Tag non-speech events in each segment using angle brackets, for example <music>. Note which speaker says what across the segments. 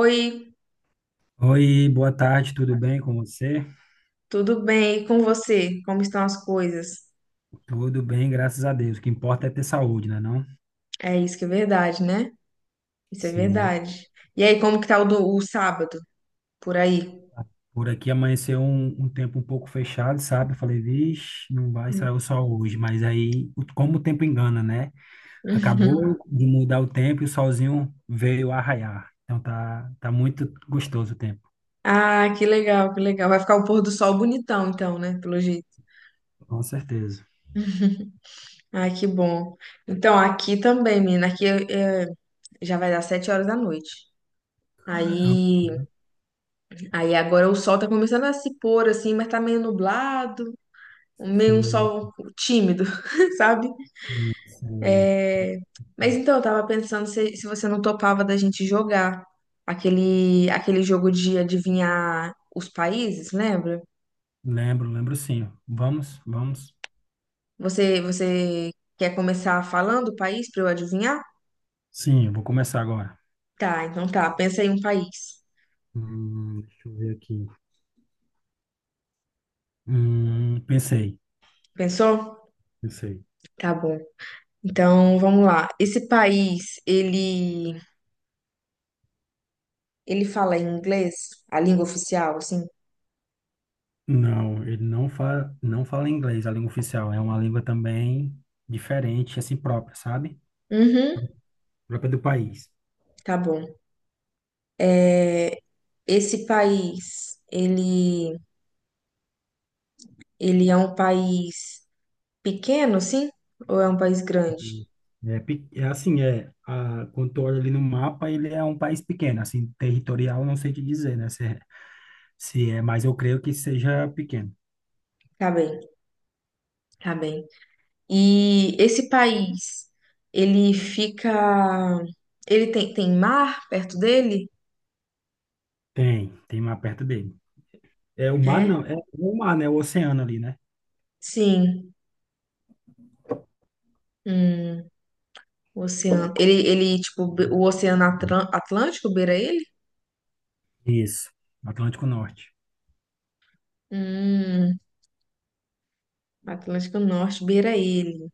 Speaker 1: Oi,
Speaker 2: Oi, boa tarde, tudo bem com você?
Speaker 1: tudo bem? E com você? Como estão as coisas?
Speaker 2: Tudo bem, graças a Deus. O que importa é ter saúde, né, não?
Speaker 1: É isso que é verdade, né? Isso é
Speaker 2: Sim.
Speaker 1: verdade. E aí, como que tá o sábado por aí?
Speaker 2: Por aqui amanheceu um tempo um pouco fechado, sabe? Eu falei, vixe, não vai sair o
Speaker 1: <laughs>
Speaker 2: sol hoje. Mas aí, como o tempo engana, né?
Speaker 1: Hum.
Speaker 2: Acabou de mudar o tempo e o solzinho veio arraiar. Então tá, tá muito gostoso o tempo,
Speaker 1: Ah, que legal, que legal. Vai ficar o pôr do sol bonitão, então, né? Pelo jeito.
Speaker 2: com certeza.
Speaker 1: Ah, que bom. Então, aqui também, menina. Aqui é, já vai dar 7 horas da noite.
Speaker 2: Caramba,
Speaker 1: Aí, aí, agora o sol tá começando a se pôr assim, mas tá meio nublado, meio um
Speaker 2: sim,
Speaker 1: sol tímido, <laughs> sabe?
Speaker 2: sei.
Speaker 1: É, mas então, eu tava pensando se você não topava da gente jogar aquele jogo de adivinhar os países, lembra?
Speaker 2: Lembro, lembro sim. Vamos, vamos.
Speaker 1: Você quer começar falando o país pra eu adivinhar?
Speaker 2: Sim, eu vou começar agora.
Speaker 1: Tá, então tá. Pensa em um país.
Speaker 2: Deixa eu ver aqui. Pensei,
Speaker 1: Pensou?
Speaker 2: pensei.
Speaker 1: Tá bom. Então, vamos lá. Esse país, ele fala em inglês, a língua oficial, assim?
Speaker 2: Não, ele não fala inglês, a língua oficial. É uma língua também diferente, assim, própria, sabe?
Speaker 1: Uhum,
Speaker 2: Própria do país.
Speaker 1: tá bom. É, esse país, ele é um país pequeno, sim? Ou é um país grande?
Speaker 2: E é assim, quando tu olha ali no mapa, ele é um país pequeno, assim, territorial, não sei te dizer, né? Se é, mas eu creio que seja pequeno.
Speaker 1: Tá bem, tá bem. E esse país, ele fica. Ele tem mar perto dele?
Speaker 2: Tem mar perto dele. É o mar,
Speaker 1: É?
Speaker 2: não, é o mar, né? O oceano ali, né?
Speaker 1: Sim. Hum, o oceano. Ele, tipo, o Oceano Atlântico beira ele?
Speaker 2: Isso, Atlântico Norte.
Speaker 1: Hum, Atlântico Norte beira ele.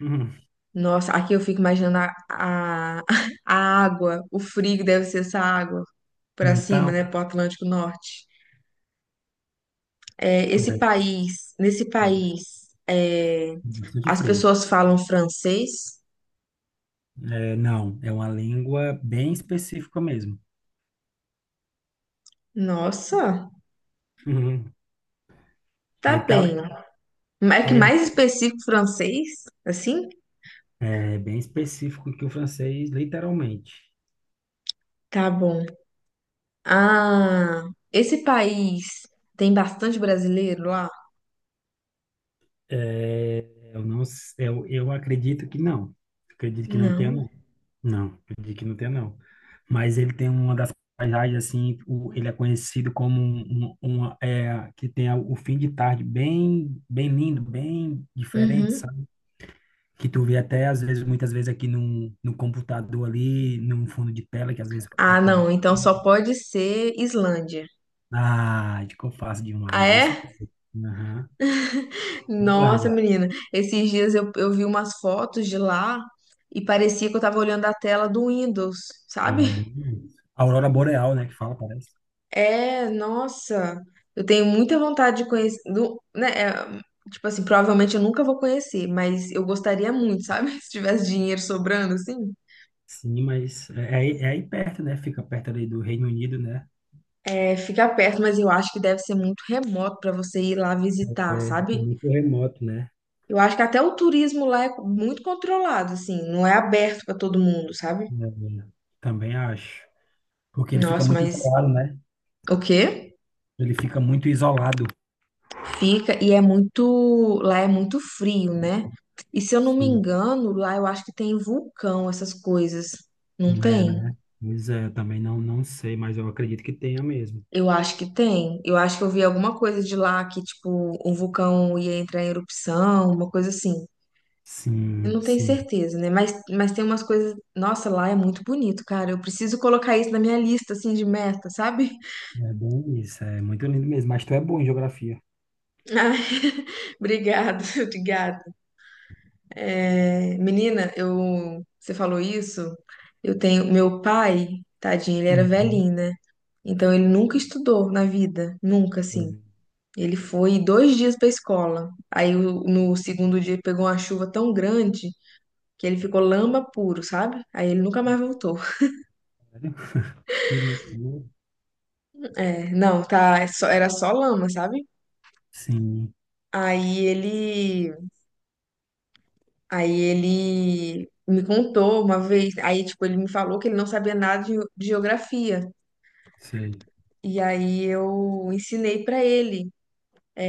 Speaker 2: Uhum.
Speaker 1: Nossa, aqui eu fico imaginando <laughs> a água, o frio que deve ser essa água pra cima,
Speaker 2: Então,
Speaker 1: né? Pro Atlântico Norte. É,
Speaker 2: é
Speaker 1: esse
Speaker 2: é
Speaker 1: país, nesse país, é,
Speaker 2: bastante
Speaker 1: as
Speaker 2: frio.
Speaker 1: pessoas falam francês?
Speaker 2: É, não, é uma língua bem específica mesmo.
Speaker 1: Nossa,
Speaker 2: Uhum. Ele
Speaker 1: tá
Speaker 2: tá,
Speaker 1: bem. É que
Speaker 2: ele
Speaker 1: mais específico francês? Assim?
Speaker 2: é bem específico que o francês, literalmente.
Speaker 1: Tá bom. Ah, esse país tem bastante brasileiro lá?
Speaker 2: É, eu acredito que não. Acredito que não tenha,
Speaker 1: Não.
Speaker 2: não. Não, acredito que não tenha, não. Mas ele tem uma das paisagens, assim, o, ele é conhecido como uma que tem o fim de tarde bem, bem lindo, bem diferente,
Speaker 1: Uhum.
Speaker 2: sabe? Que tu vê até às vezes, muitas vezes aqui no computador ali, num fundo de tela, que às vezes
Speaker 1: Ah, não.
Speaker 2: aparece.
Speaker 1: Então só pode ser Islândia.
Speaker 2: Ah, acho que eu faço
Speaker 1: Ah,
Speaker 2: demais isso.
Speaker 1: é?
Speaker 2: Aham,
Speaker 1: Nossa,
Speaker 2: verdade.
Speaker 1: menina. Esses dias eu vi umas fotos de lá e parecia que eu tava olhando a tela do Windows,
Speaker 2: E é bem
Speaker 1: sabe?
Speaker 2: isso. Aurora Boreal, né, que fala, parece.
Speaker 1: É, nossa, eu tenho muita vontade de conhecer, né, é, tipo assim, provavelmente eu nunca vou conhecer, mas eu gostaria muito, sabe? <laughs> Se tivesse dinheiro sobrando, assim.
Speaker 2: Sim, mas aí é aí perto, né? Fica perto ali do Reino Unido, né?
Speaker 1: É, fica perto, mas eu acho que deve ser muito remoto pra você ir lá visitar,
Speaker 2: É, é
Speaker 1: sabe?
Speaker 2: muito remoto, né?
Speaker 1: Eu acho que até o turismo lá é muito controlado, assim, não é aberto pra todo mundo, sabe?
Speaker 2: É, também acho. Porque ele fica
Speaker 1: Nossa,
Speaker 2: muito
Speaker 1: mas
Speaker 2: isolado, né?
Speaker 1: o quê?
Speaker 2: Ele fica muito isolado.
Speaker 1: Fica, e é muito, lá é muito frio, né? E se eu não me
Speaker 2: Sim.
Speaker 1: engano, lá eu acho que tem vulcão, essas coisas. Não
Speaker 2: É,
Speaker 1: tem?
Speaker 2: né? Pois é, eu também não sei, mas eu acredito que tenha mesmo.
Speaker 1: Eu acho que tem. Eu acho que eu vi alguma coisa de lá que, tipo, um vulcão ia entrar em erupção, uma coisa assim. Eu
Speaker 2: Sim,
Speaker 1: não tenho
Speaker 2: sim.
Speaker 1: certeza, né? Mas tem umas coisas. Nossa, lá é muito bonito, cara. Eu preciso colocar isso na minha lista, assim, de meta, sabe?
Speaker 2: É bem isso. É muito lindo mesmo. Mas tu é bom em geografia.
Speaker 1: <laughs> Ai, <laughs> obrigado, <laughs> obrigada. É, menina, eu, você falou isso, eu tenho, meu pai, tadinho, ele era
Speaker 2: Uhum.
Speaker 1: velhinho, né? Então ele nunca estudou na vida, nunca, assim.
Speaker 2: Sei.
Speaker 1: Ele foi 2 dias pra escola. Aí no segundo dia pegou uma chuva tão grande que ele ficou lama puro, sabe? Aí ele nunca mais voltou. <laughs>
Speaker 2: Sério? Que loucura.
Speaker 1: É, não, tá, era só lama, sabe?
Speaker 2: Sim,
Speaker 1: Aí ele, aí ele me contou uma vez, aí tipo ele me falou que ele não sabia nada de geografia.
Speaker 2: sei.
Speaker 1: E aí eu ensinei pra ele,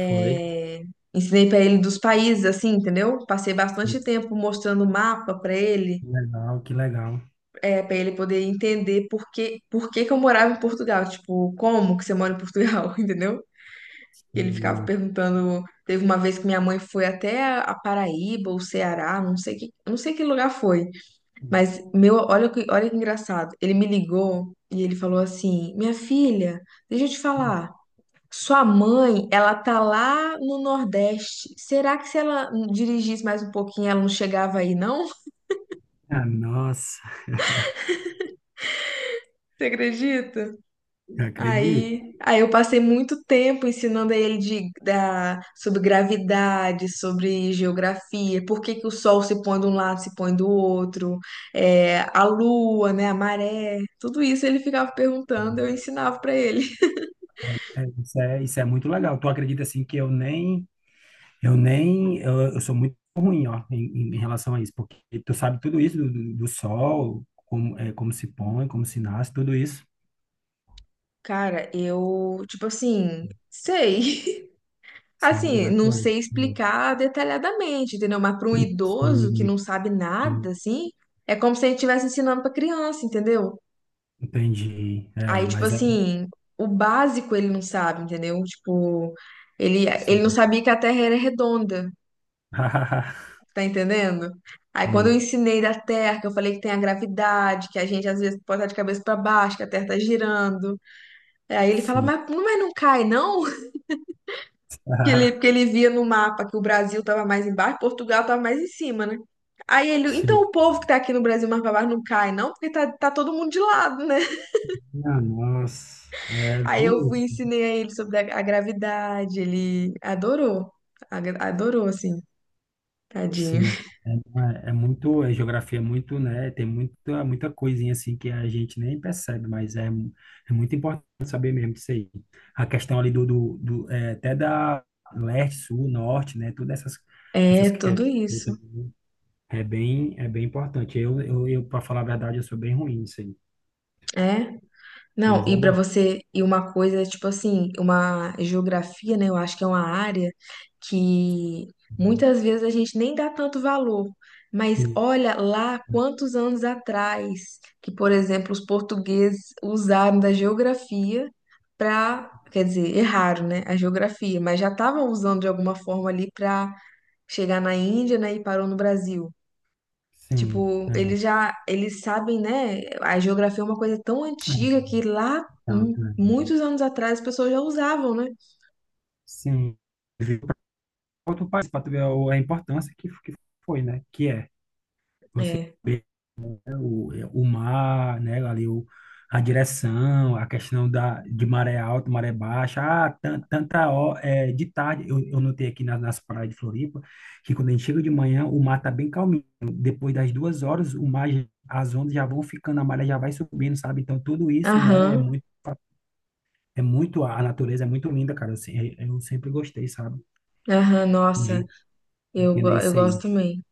Speaker 2: Foi.
Speaker 1: ensinei pra ele dos países, assim, entendeu? Passei
Speaker 2: Sim.
Speaker 1: bastante tempo mostrando o mapa pra ele,
Speaker 2: Que legal, que legal.
Speaker 1: é, para ele poder entender por que que eu morava em Portugal, tipo, como que você mora em Portugal, <laughs> entendeu? E ele ficava
Speaker 2: Hum.
Speaker 1: perguntando. Teve uma vez que minha mãe foi até a Paraíba ou Ceará, não sei que lugar foi, mas meu, olha que engraçado. Ele me ligou e ele falou assim: "Minha filha, deixa eu te falar. Sua mãe, ela tá lá no Nordeste. Será que se ela dirigisse mais um pouquinho, ela não chegava aí, não? <laughs>
Speaker 2: Ah, nossa,
Speaker 1: Você acredita?
Speaker 2: eu acredito.
Speaker 1: Aí, eu passei muito tempo ensinando a ele sobre gravidade, sobre geografia, por que que o sol se põe de um lado, se põe do outro, é, a lua, né, a maré. Tudo isso ele ficava perguntando, eu ensinava pra ele.
Speaker 2: É, isso é muito legal. Tu acredita assim que eu nem, eu nem, eu sou muito ruim, ó, em, em relação a isso, porque tu sabe tudo isso do, do sol, como, é, como se põe, como se nasce, tudo isso,
Speaker 1: Cara, eu, tipo assim, sei.
Speaker 2: sabe?
Speaker 1: Assim, não
Speaker 2: Legal.
Speaker 1: sei explicar detalhadamente, entendeu? Mas para um idoso que
Speaker 2: Sim,
Speaker 1: não sabe nada,
Speaker 2: sim,
Speaker 1: assim, é como se a gente estivesse ensinando para criança, entendeu?
Speaker 2: entendi. É,
Speaker 1: Aí, tipo
Speaker 2: mas é
Speaker 1: assim, o básico ele não sabe, entendeu? Tipo, ele,
Speaker 2: isso.
Speaker 1: ele não sabia que a Terra era redonda,
Speaker 2: <laughs>
Speaker 1: tá entendendo? Aí, quando eu
Speaker 2: Sim,
Speaker 1: ensinei da Terra, que eu falei que tem a gravidade, que a gente às vezes pode estar de cabeça para baixo, que a Terra tá girando. Aí ele fala,
Speaker 2: sim.
Speaker 1: mas não cai, não? Que ele, porque
Speaker 2: <laughs>
Speaker 1: ele via no mapa que o Brasil estava mais embaixo, Portugal estava mais em cima, né? Aí ele, então
Speaker 2: Sim.
Speaker 1: o povo que tá aqui no Brasil mais pra baixo não cai, não, porque tá todo mundo de lado, né?
Speaker 2: Ah, nossa, é
Speaker 1: Aí eu
Speaker 2: bem
Speaker 1: fui e
Speaker 2: isso.
Speaker 1: ensinei a ele sobre a gravidade, ele adorou, adorou, assim, tadinho.
Speaker 2: Sim. É, não é muito, a geografia é muito, né? Tem muita, muita coisinha assim que a gente nem percebe, mas é muito importante saber mesmo disso aí. A questão ali até da leste, sul, norte, né? Todas essas,
Speaker 1: É,
Speaker 2: essas questões
Speaker 1: tudo isso.
Speaker 2: também é bem importante. Eu Para falar a verdade, eu sou bem ruim nisso aí.
Speaker 1: É. Não,
Speaker 2: Mas é
Speaker 1: e para
Speaker 2: bom.
Speaker 1: você, e uma coisa, tipo assim, uma geografia, né? Eu acho que é uma área que muitas vezes a gente nem dá tanto valor. Mas olha lá quantos anos atrás que, por exemplo, os portugueses usaram da geografia para, quer dizer, erraram, né, a geografia, mas já estavam usando de alguma forma ali para chegar na Índia, né, e parou no Brasil.
Speaker 2: Sim,
Speaker 1: Tipo, eles já, eles sabem, né? A geografia é uma coisa tão
Speaker 2: é,
Speaker 1: antiga que lá,
Speaker 2: então,
Speaker 1: muitos anos atrás, as pessoas já usavam, né?
Speaker 2: sim. Para outro país, para tu ver a importância que foi, né? Que é você
Speaker 1: É.
Speaker 2: ver o, o mar, né? Ali a direção, a questão da, de maré alta, maré baixa. Ah, tanta hora, de tarde, eu notei aqui nas praias de Floripa, que quando a gente chega de manhã, o mar tá bem calminho. Depois das 2 horas, as ondas já vão ficando, a maré já vai subindo, sabe? Então, tudo isso, né?
Speaker 1: Aham,
Speaker 2: A natureza é muito linda, cara. Assim, eu se- eu sempre gostei, sabe,
Speaker 1: aham, nossa,
Speaker 2: de
Speaker 1: eu,
Speaker 2: entender
Speaker 1: eu
Speaker 2: isso aí.
Speaker 1: gosto também.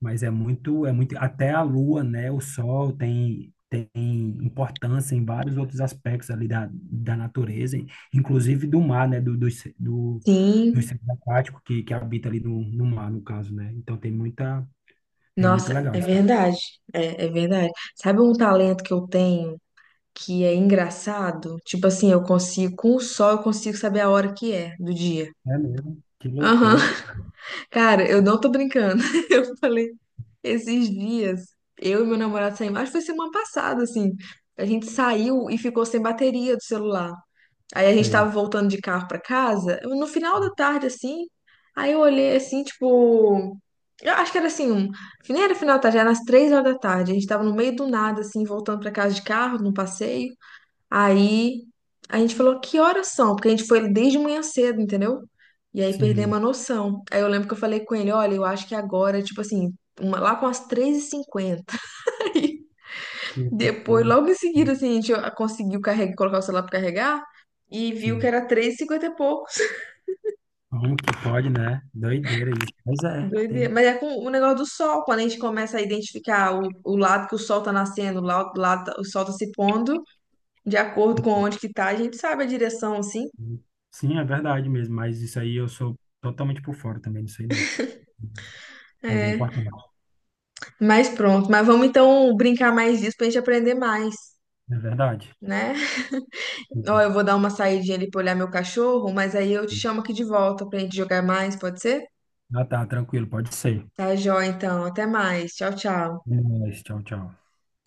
Speaker 2: Mas até a lua, né, o sol tem importância em vários outros aspectos ali da natureza, inclusive do mar, né, do, do
Speaker 1: Sim,
Speaker 2: ser aquático que habita ali no mar, no caso, né. Então, é muito
Speaker 1: nossa,
Speaker 2: legal
Speaker 1: é
Speaker 2: isso.
Speaker 1: verdade. É, é verdade. Sabe um talento que eu tenho que é engraçado? Tipo assim, eu consigo, com o sol, eu consigo saber a hora que é do dia.
Speaker 2: É mesmo, que
Speaker 1: Aham,
Speaker 2: loucura.
Speaker 1: <laughs> cara, eu não tô brincando. <laughs> Eu falei. Esses dias, eu e meu namorado saímos, acho que foi semana passada, assim. A gente saiu e ficou sem bateria do celular. Aí a gente
Speaker 2: Sei,
Speaker 1: tava voltando de carro pra casa, no final da tarde, assim. Aí eu olhei assim, tipo. Eu acho que era assim, nem era final da tarde, era às 3 horas da tarde. A gente tava no meio do nada, assim, voltando pra casa de carro, num passeio. Aí a gente falou, que horas são? Porque a gente foi desde manhã cedo, entendeu? E aí
Speaker 2: sim,
Speaker 1: perdemos a noção. Aí eu lembro que eu falei com ele, olha, eu acho que agora, tipo assim, lá com as 3h50. <laughs> Aí
Speaker 2: que
Speaker 1: depois,
Speaker 2: loucura.
Speaker 1: logo em seguida,
Speaker 2: Sim,
Speaker 1: assim, a gente conseguiu carregar, colocar o celular pra carregar e viu que
Speaker 2: sim.
Speaker 1: era 3h50 e poucos.
Speaker 2: Como que pode, né? Doideira isso. Pois é, tem.
Speaker 1: Doideira. Mas é com o negócio do sol, quando a gente começa a identificar o lado que o sol tá nascendo, o sol tá se pondo, de acordo com onde que tá, a gente sabe a direção, assim.
Speaker 2: Sim, é verdade mesmo, mas isso aí eu sou totalmente por fora também, não sei não. Mas é
Speaker 1: É,
Speaker 2: importante.
Speaker 1: mas pronto, mas vamos então brincar mais disso pra gente aprender mais,
Speaker 2: É verdade.
Speaker 1: né? Ó,
Speaker 2: Uhum.
Speaker 1: eu vou dar uma saidinha ali pra olhar meu cachorro, mas aí eu te chamo aqui de volta pra gente jogar mais, pode ser?
Speaker 2: Ah, tá, tranquilo, pode ser.
Speaker 1: Tá, joia, então. Até mais. Tchau, tchau.
Speaker 2: É nóis, tchau, tchau.